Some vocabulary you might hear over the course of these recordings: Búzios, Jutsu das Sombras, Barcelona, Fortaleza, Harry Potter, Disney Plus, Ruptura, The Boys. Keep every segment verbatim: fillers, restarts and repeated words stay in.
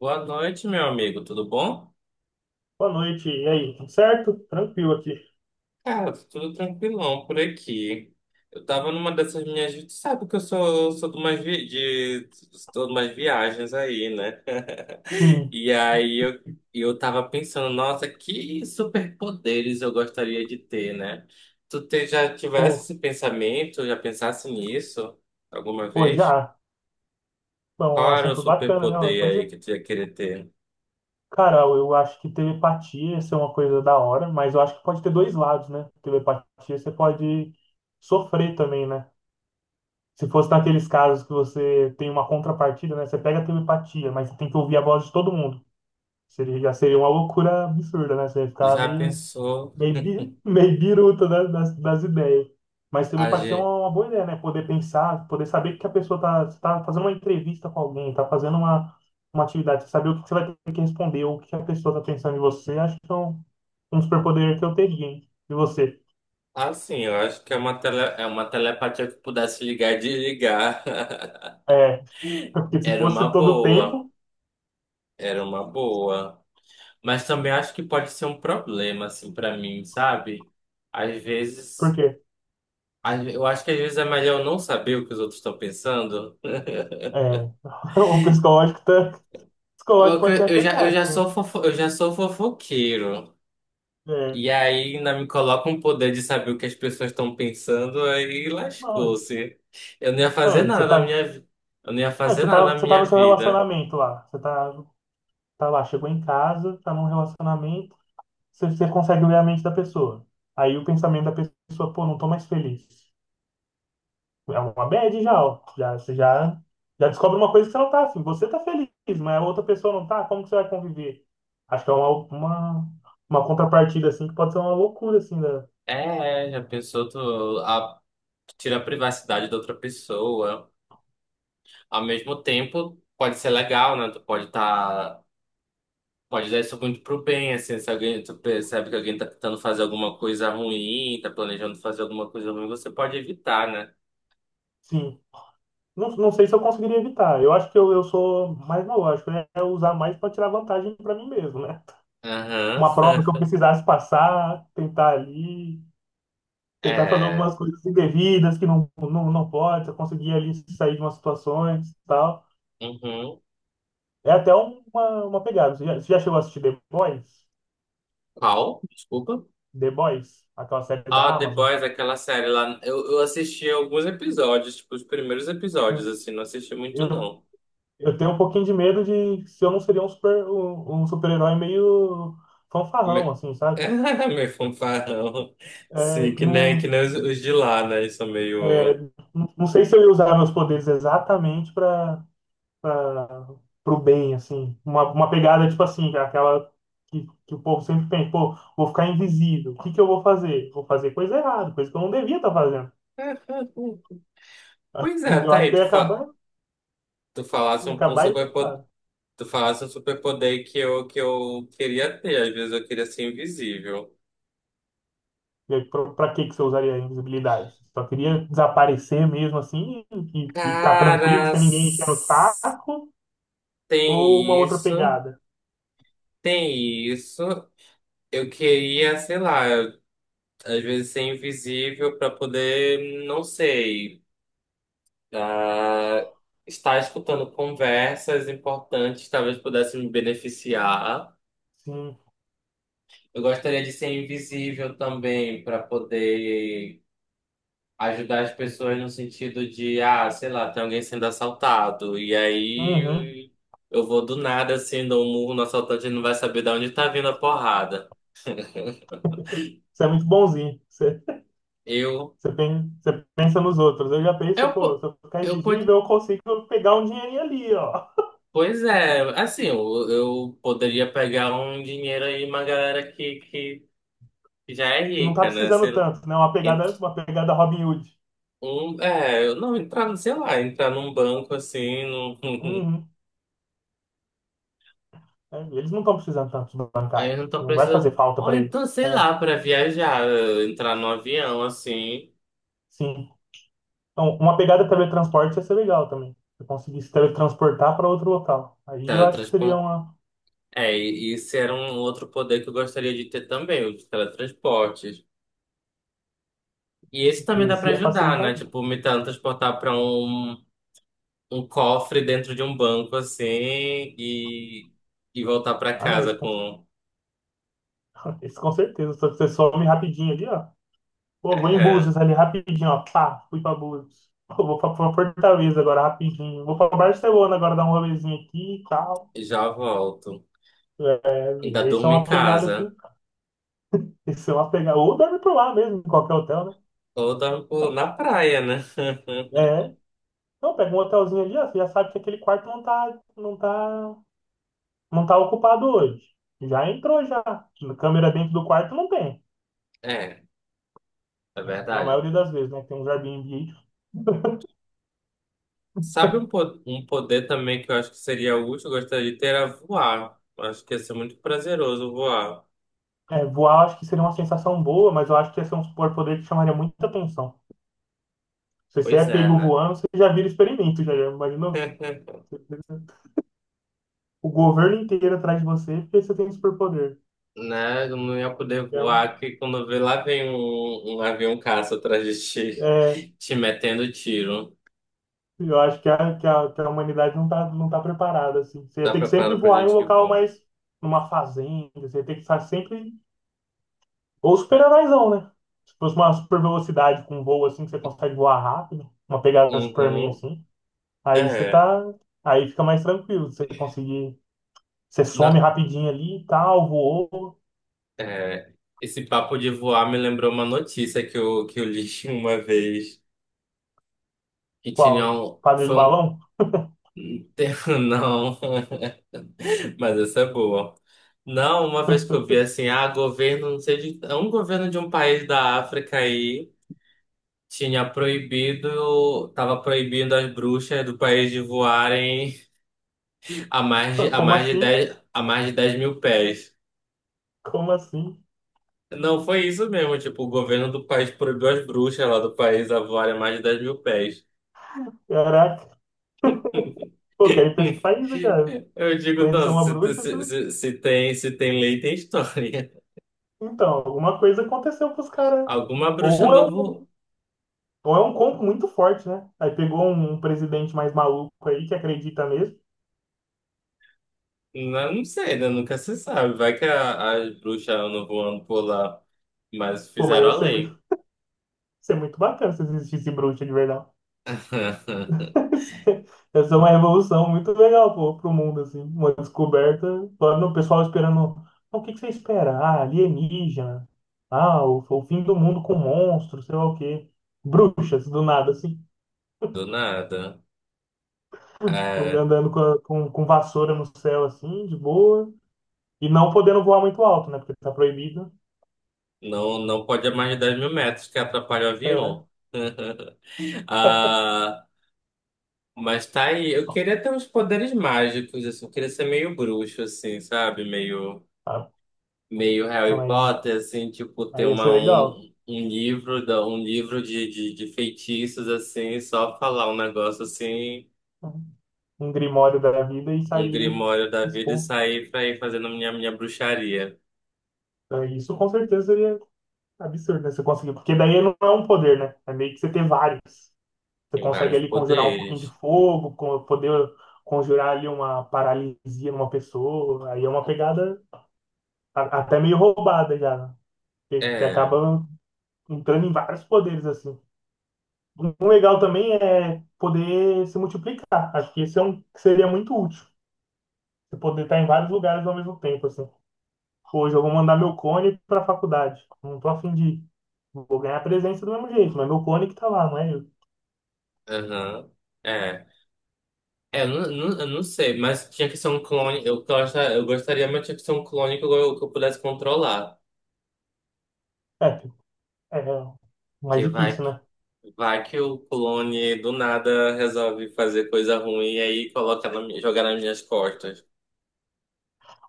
Boa noite, meu amigo. Tudo bom? Boa noite. E aí, tudo certo? Tranquilo aqui. Cara, tô tudo tranquilão por aqui. Eu tava numa dessas minhas. Tu sabe que eu sou, sou de umas, vi... de... sou de umas viagens aí, né? Sim. E aí eu, eu tava pensando, nossa, que superpoderes eu gostaria de ter, né? Tu te- já tivesse Pô, esse pensamento, já pensasse nisso alguma pô, vez? já. Bom, um Qual era o assunto bacana, né? Uma superpoder aí coisa. que tu ia querer ter? Cara, eu acho que telepatia isso é uma coisa da hora, mas eu acho que pode ter dois lados, né? Telepatia você pode sofrer também, né? Se fosse naqueles casos que você tem uma contrapartida, né? Você pega a telepatia, mas você tem que ouvir a voz de todo mundo. Seria, já seria uma loucura absurda, né? Você ia ficar Já meio pensou? Meio, bi- meio biruta da- das, das ideias. Mas telepatia é uma uma boa ideia, né? Poder pensar, poder saber que a pessoa tá, tá fazendo uma entrevista com alguém, tá fazendo uma, uma atividade, saber o que você vai ter que responder, o que a pessoa tá pensando em você, acho que é um, um superpoder que eu teria, hein? E você? Assim, eu acho que é uma, tele, é uma telepatia que pudesse ligar e desligar. É, porque se Era fosse uma todo o boa, tempo, era uma boa. Mas também acho que pode ser um problema, assim, pra mim, sabe? Às por vezes, quê? às- eu acho que às vezes é melhor eu não saber o que os outros estão pensando. É, o psicológico, tá, o psicológico Porque pode ser eu já, eu já afetado, né? sou fofo, eu já sou fofoqueiro. É, E aí ainda me coloca um poder de saber o que as pessoas estão pensando, aí não, lascou-se. Eu não ia fazer não, você nada na tá, minha, vi- eu não ia não, fazer você nada tá, na você tá no minha seu vida. relacionamento lá, você tá tá lá, chegou em casa, tá num relacionamento, você, você consegue ler a mente da pessoa. Aí o pensamento da pessoa, pô, não tô mais feliz. É uma bad já, ó. Já, você já, já descobre uma coisa que você não tá afim. Você tá feliz, mas a outra pessoa não tá, como que você vai conviver? Acho que é uma, uma, uma contrapartida, assim, que pode ser uma loucura, assim, da... É, já pensou tu a, tira a privacidade da outra pessoa. Ao mesmo tempo, pode ser legal, né? Tu pode tá, pode dar isso muito pro bem, assim, se alguém, tu percebe que alguém tá tentando fazer alguma coisa ruim, tá planejando fazer alguma coisa ruim, você pode evitar, né? Sim. Não, não sei se eu conseguiria evitar. Eu acho que eu, eu sou mais lógico, né? É usar mais para tirar vantagem para mim mesmo, né? Aham. Uma prova que eu precisasse passar, tentar ali, tentar fazer É. algumas coisas indevidas que não, não, não pode, você conseguir ali sair de umas situações e tal. Uhum. É até uma, uma pegada. Você já, você já chegou a assistir The Boys? Qual? Desculpa. The Boys, aquela série Ah, da The Amazon. Boys, aquela série lá. Eu, eu assisti alguns episódios, tipo, os primeiros episódios, assim, não assisti muito, Eu, não. eu tenho um pouquinho de medo de se eu não seria um super, um, um super-herói meio Me... fanfarrão, assim, sabe? Meio fanfarrão. É, Sim, que nem, que não, nem os, os de lá, né? Isso é é, meio. não não sei se eu ia usar meus poderes exatamente para para pro bem, assim. Uma, uma pegada, tipo assim, aquela que, que o povo sempre pensa, pô, vou ficar invisível. O que que eu vou fazer? Vou fazer coisa errada, coisa que eu não devia estar fazendo. Pois é, Eu tá acho aí. que eu Tu, ia fa... acabar, tu falasse ia um, um acabar superpoder. infectado. Tu falasse um superpoder que eu, que eu queria ter. Às vezes eu queria ser invisível. E aí, pra, pra que que você usaria a invisibilidade? Você só queria desaparecer mesmo assim e, e ficar tranquilo Cara, sem ninguém encher o s- saco ou uma tem outra isso. pegada? Tem isso. Eu queria, sei lá, eu- às vezes ser invisível para poder, não sei. Ah, estar escutando conversas importantes, talvez pudesse me beneficiar. Sim. Eu gostaria de ser invisível também para poder ajudar as pessoas no sentido de, ah, sei lá, tem alguém sendo assaltado e Uhum. aí eu vou do nada assim, dou um murro no assaltante, ele não vai saber de onde tá vindo a porrada. Você é muito bonzinho. Eu, Você, pen- você pensa nos outros. Eu já penso, eu, pô, se po- eu ficar eu, po- invisível, eu consigo pegar um dinheirinho ali, ó. pois é, assim, eu, eu poderia pegar um dinheiro aí, uma galera que, que que já é Que não tá rica, né? precisando tanto, né? Uma pegada, Ent- uma pegada Robin Hood. Um, é, eu- não, entrar, sei lá, entrar num banco assim, num, Uhum. É, eles não estão precisando tanto de aí eu bancários. não tô Não vai fazer precisando. falta Ou para eles. então, sei É, lá, para viajar, eh, entrar num avião assim, sim. Então, uma pegada teletransporte ia ser legal também. Se eu conseguisse teletransportar para outro local. Aí eu acho que seria teletransporte. uma. É, e esse era um outro poder que eu gostaria de ter também, os teletransportes. E esse também dá Esse para ia ajudar, né? facilitar. Tipo, me teletransportar para um, um cofre dentro de um banco assim e, e voltar para Ah, não, esse casa com, com. esse com certeza. Só que você some rapidinho ali, ó. Pô, vou em É, Búzios ali rapidinho, ó. Pá, fui pra Búzios. Pô, vou pra, pra Fortaleza agora rapidinho. Vou pra Barcelona agora dar um rolezinho aqui e tal. já volto. Ainda É, isso é durmo em uma pegada aqui. casa. Isso é uma pegada. Ou dorme por lá mesmo, em qualquer hotel, né? Ou dar um pulo na praia, né? É. Então, pega um hotelzinho ali, ó. Você já sabe que aquele quarto não tá, não tá, não tá ocupado hoje. Já entrou já. Câmera dentro do quarto não tem. É, é Na verdade. maioria das vezes, né? Tem uns Airbnb. Sabe um, po- um poder também que eu acho que seria útil, eu gostaria de ter, era voar. Eu acho que ia ser muito prazeroso voar. É, voar, acho que seria uma sensação boa, mas eu acho que ia ser um superpoder que chamaria muita atenção. Se você é Pois é, pego né? voando, você já vira experimento, já, já imaginou? O governo inteiro atrás de você porque você tem superpoder. Né? Eu não ia poder Então, voar que quando vê lá vem um, um avião caça atrás de é, ti, te metendo tiro. eu acho que a, que a, que a, humanidade não tá, não tá preparada, assim. Você ia Tá ter que sempre preparado pra voar em um gente que local voa? mais... Numa fazenda, você ia ter que estar sempre... Ou super-heróizão, né? Se fosse uma super velocidade com um voo, assim, que você consegue voar rápido, uma pegada Superman, Uhum. assim, aí você É. tá... Aí fica mais tranquilo, você conseguir... Você some Na- rapidinho ali e tal, voou... é. Esse papo de voar me lembrou uma notícia que eu, que eu li uma vez. Qual? Quintilhão Quadrilho do foi um. balão? tem- Não, mas essa é boa. Não, uma vez que eu vi assim, ah, governo, não sei de. É um governo de um país da África aí tinha proibido, tava proibindo as bruxas do país de voarem a mais de, a Como mais de assim? dez a mais de dez mil pés. Como assim? Não, foi isso mesmo, tipo, o governo do país proibiu as bruxas lá do país a voarem a mais de dez mil pés. Caraca. Pô, quero ir pra esse país, né, cara. Eu digo, Conhecer não, uma se, bruxa, isso- se, se, se tem, se tem lei, tem história. então, alguma coisa aconteceu pros caras. Alguma bruxa Ou é um, novo. ou é um combo muito forte, né? Aí pegou um um presidente mais maluco aí que acredita mesmo. Não, não sei, né? Nunca se sabe. Vai que a- as bruxas andam voando por lá. Mas Pô, mas fizeram ia a ser muito, lei. ia ser muito bacana se existisse bruxa de verdade. Essa é uma revolução muito legal pro, pro mundo, assim. Uma descoberta. Agora o pessoal esperando. "Ah, o que que você espera? Ah, alienígena. Ah, o, o fim do mundo com monstros, sei lá o quê. Bruxas, do nada, assim. Do nada. É, Andando com, a- com, com vassoura no céu, assim, de boa. E não podendo voar muito alto, né? Porque tá proibido. não, não pode a mais de dez mil metros que atrapalha o É. avião. Ah, mas tá aí. Eu queria ter uns poderes mágicos, assim. Eu queria ser meio bruxo, assim, sabe? Meio, Ah, meio não, Harry aí, Potter, assim. Tipo, ter aí ia uma, ser legal. um, um livro, da- um livro de, de, de feitiços, assim. Só falar um negócio, assim. Um grimório da vida e Um sair grimório da vida e expondo. sair pra ir fazendo minha, minha bruxaria. Então, isso com certeza seria absurdo, né? Você conseguir. Porque daí não é um poder, né? É meio que você ter vários. Você Tem consegue vários ali conjurar um pouquinho de poderes. fogo, con- poder conjurar ali uma paralisia numa pessoa. Aí é uma pegada a- até meio roubada já, né? Que, que É, acaba entrando em vários poderes, assim. Um legal também é poder se multiplicar. Acho que esse é um que seria muito útil. Você poder estar em vários lugares ao mesmo tempo, assim. Hoje eu vou mandar meu cone para a faculdade. Não tô afim de ir. Vou ganhar a presença do mesmo jeito, mas meu cone que tá lá, não é eu. aham, é. É, eu não, não- eu não sei, mas tinha que ser um clone. Eu, gosta- eu gostaria, mas tinha que ser um clone que eu, que eu pudesse controlar. É, é é Que mais vai, difícil, que- né? vai que o clone do nada resolve fazer coisa ruim e aí coloca na, minha- jogar nas minhas costas.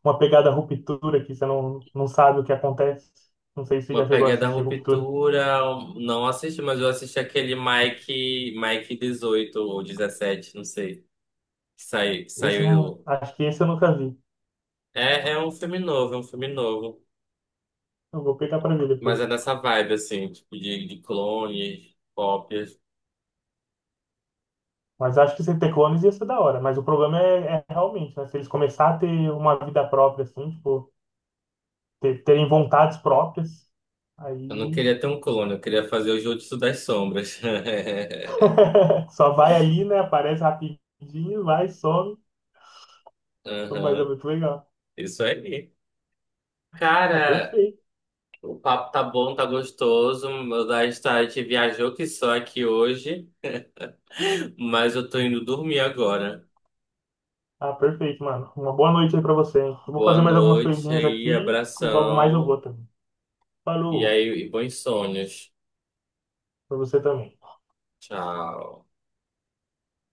Uma pegada ruptura que você não, não sabe o que acontece. Não sei se você Uma já chegou a pegada assistir Ruptura. ruptura, um- não assisti, mas eu assisti aquele Mike, Mike dezoito ou dezessete, não sei. Saiu, Esse eu não, saiu. acho que esse eu nunca vi. É, é um filme novo, é um filme novo. Eu vou pegar para ver Mas é depois. nessa vibe, assim, tipo, de, de clones, cópias. Mas acho que sem ter clones ia ser da hora. Mas o problema é, é realmente, né? Se eles começarem a ter uma vida própria, assim, tipo, ter- terem vontades próprias, Eu não aí queria ter um clone, eu queria fazer o Jutsu das Sombras. Só vai ali, né? Aparece rapidinho, vai, some. Então, mas é Aham, muito legal. isso aí. Ah, Cara, perfeito. o papo tá bom, tá gostoso. Meu, da gente viajou que só aqui hoje, mas eu tô indo dormir agora. Ah, perfeito, mano. Uma boa noite aí pra você, hein? Eu vou Boa fazer mais algumas noite coisinhas aí, aqui. Logo mais eu abração. vou também. E Falou aí, e bons sonhos. pra você também. Tchau.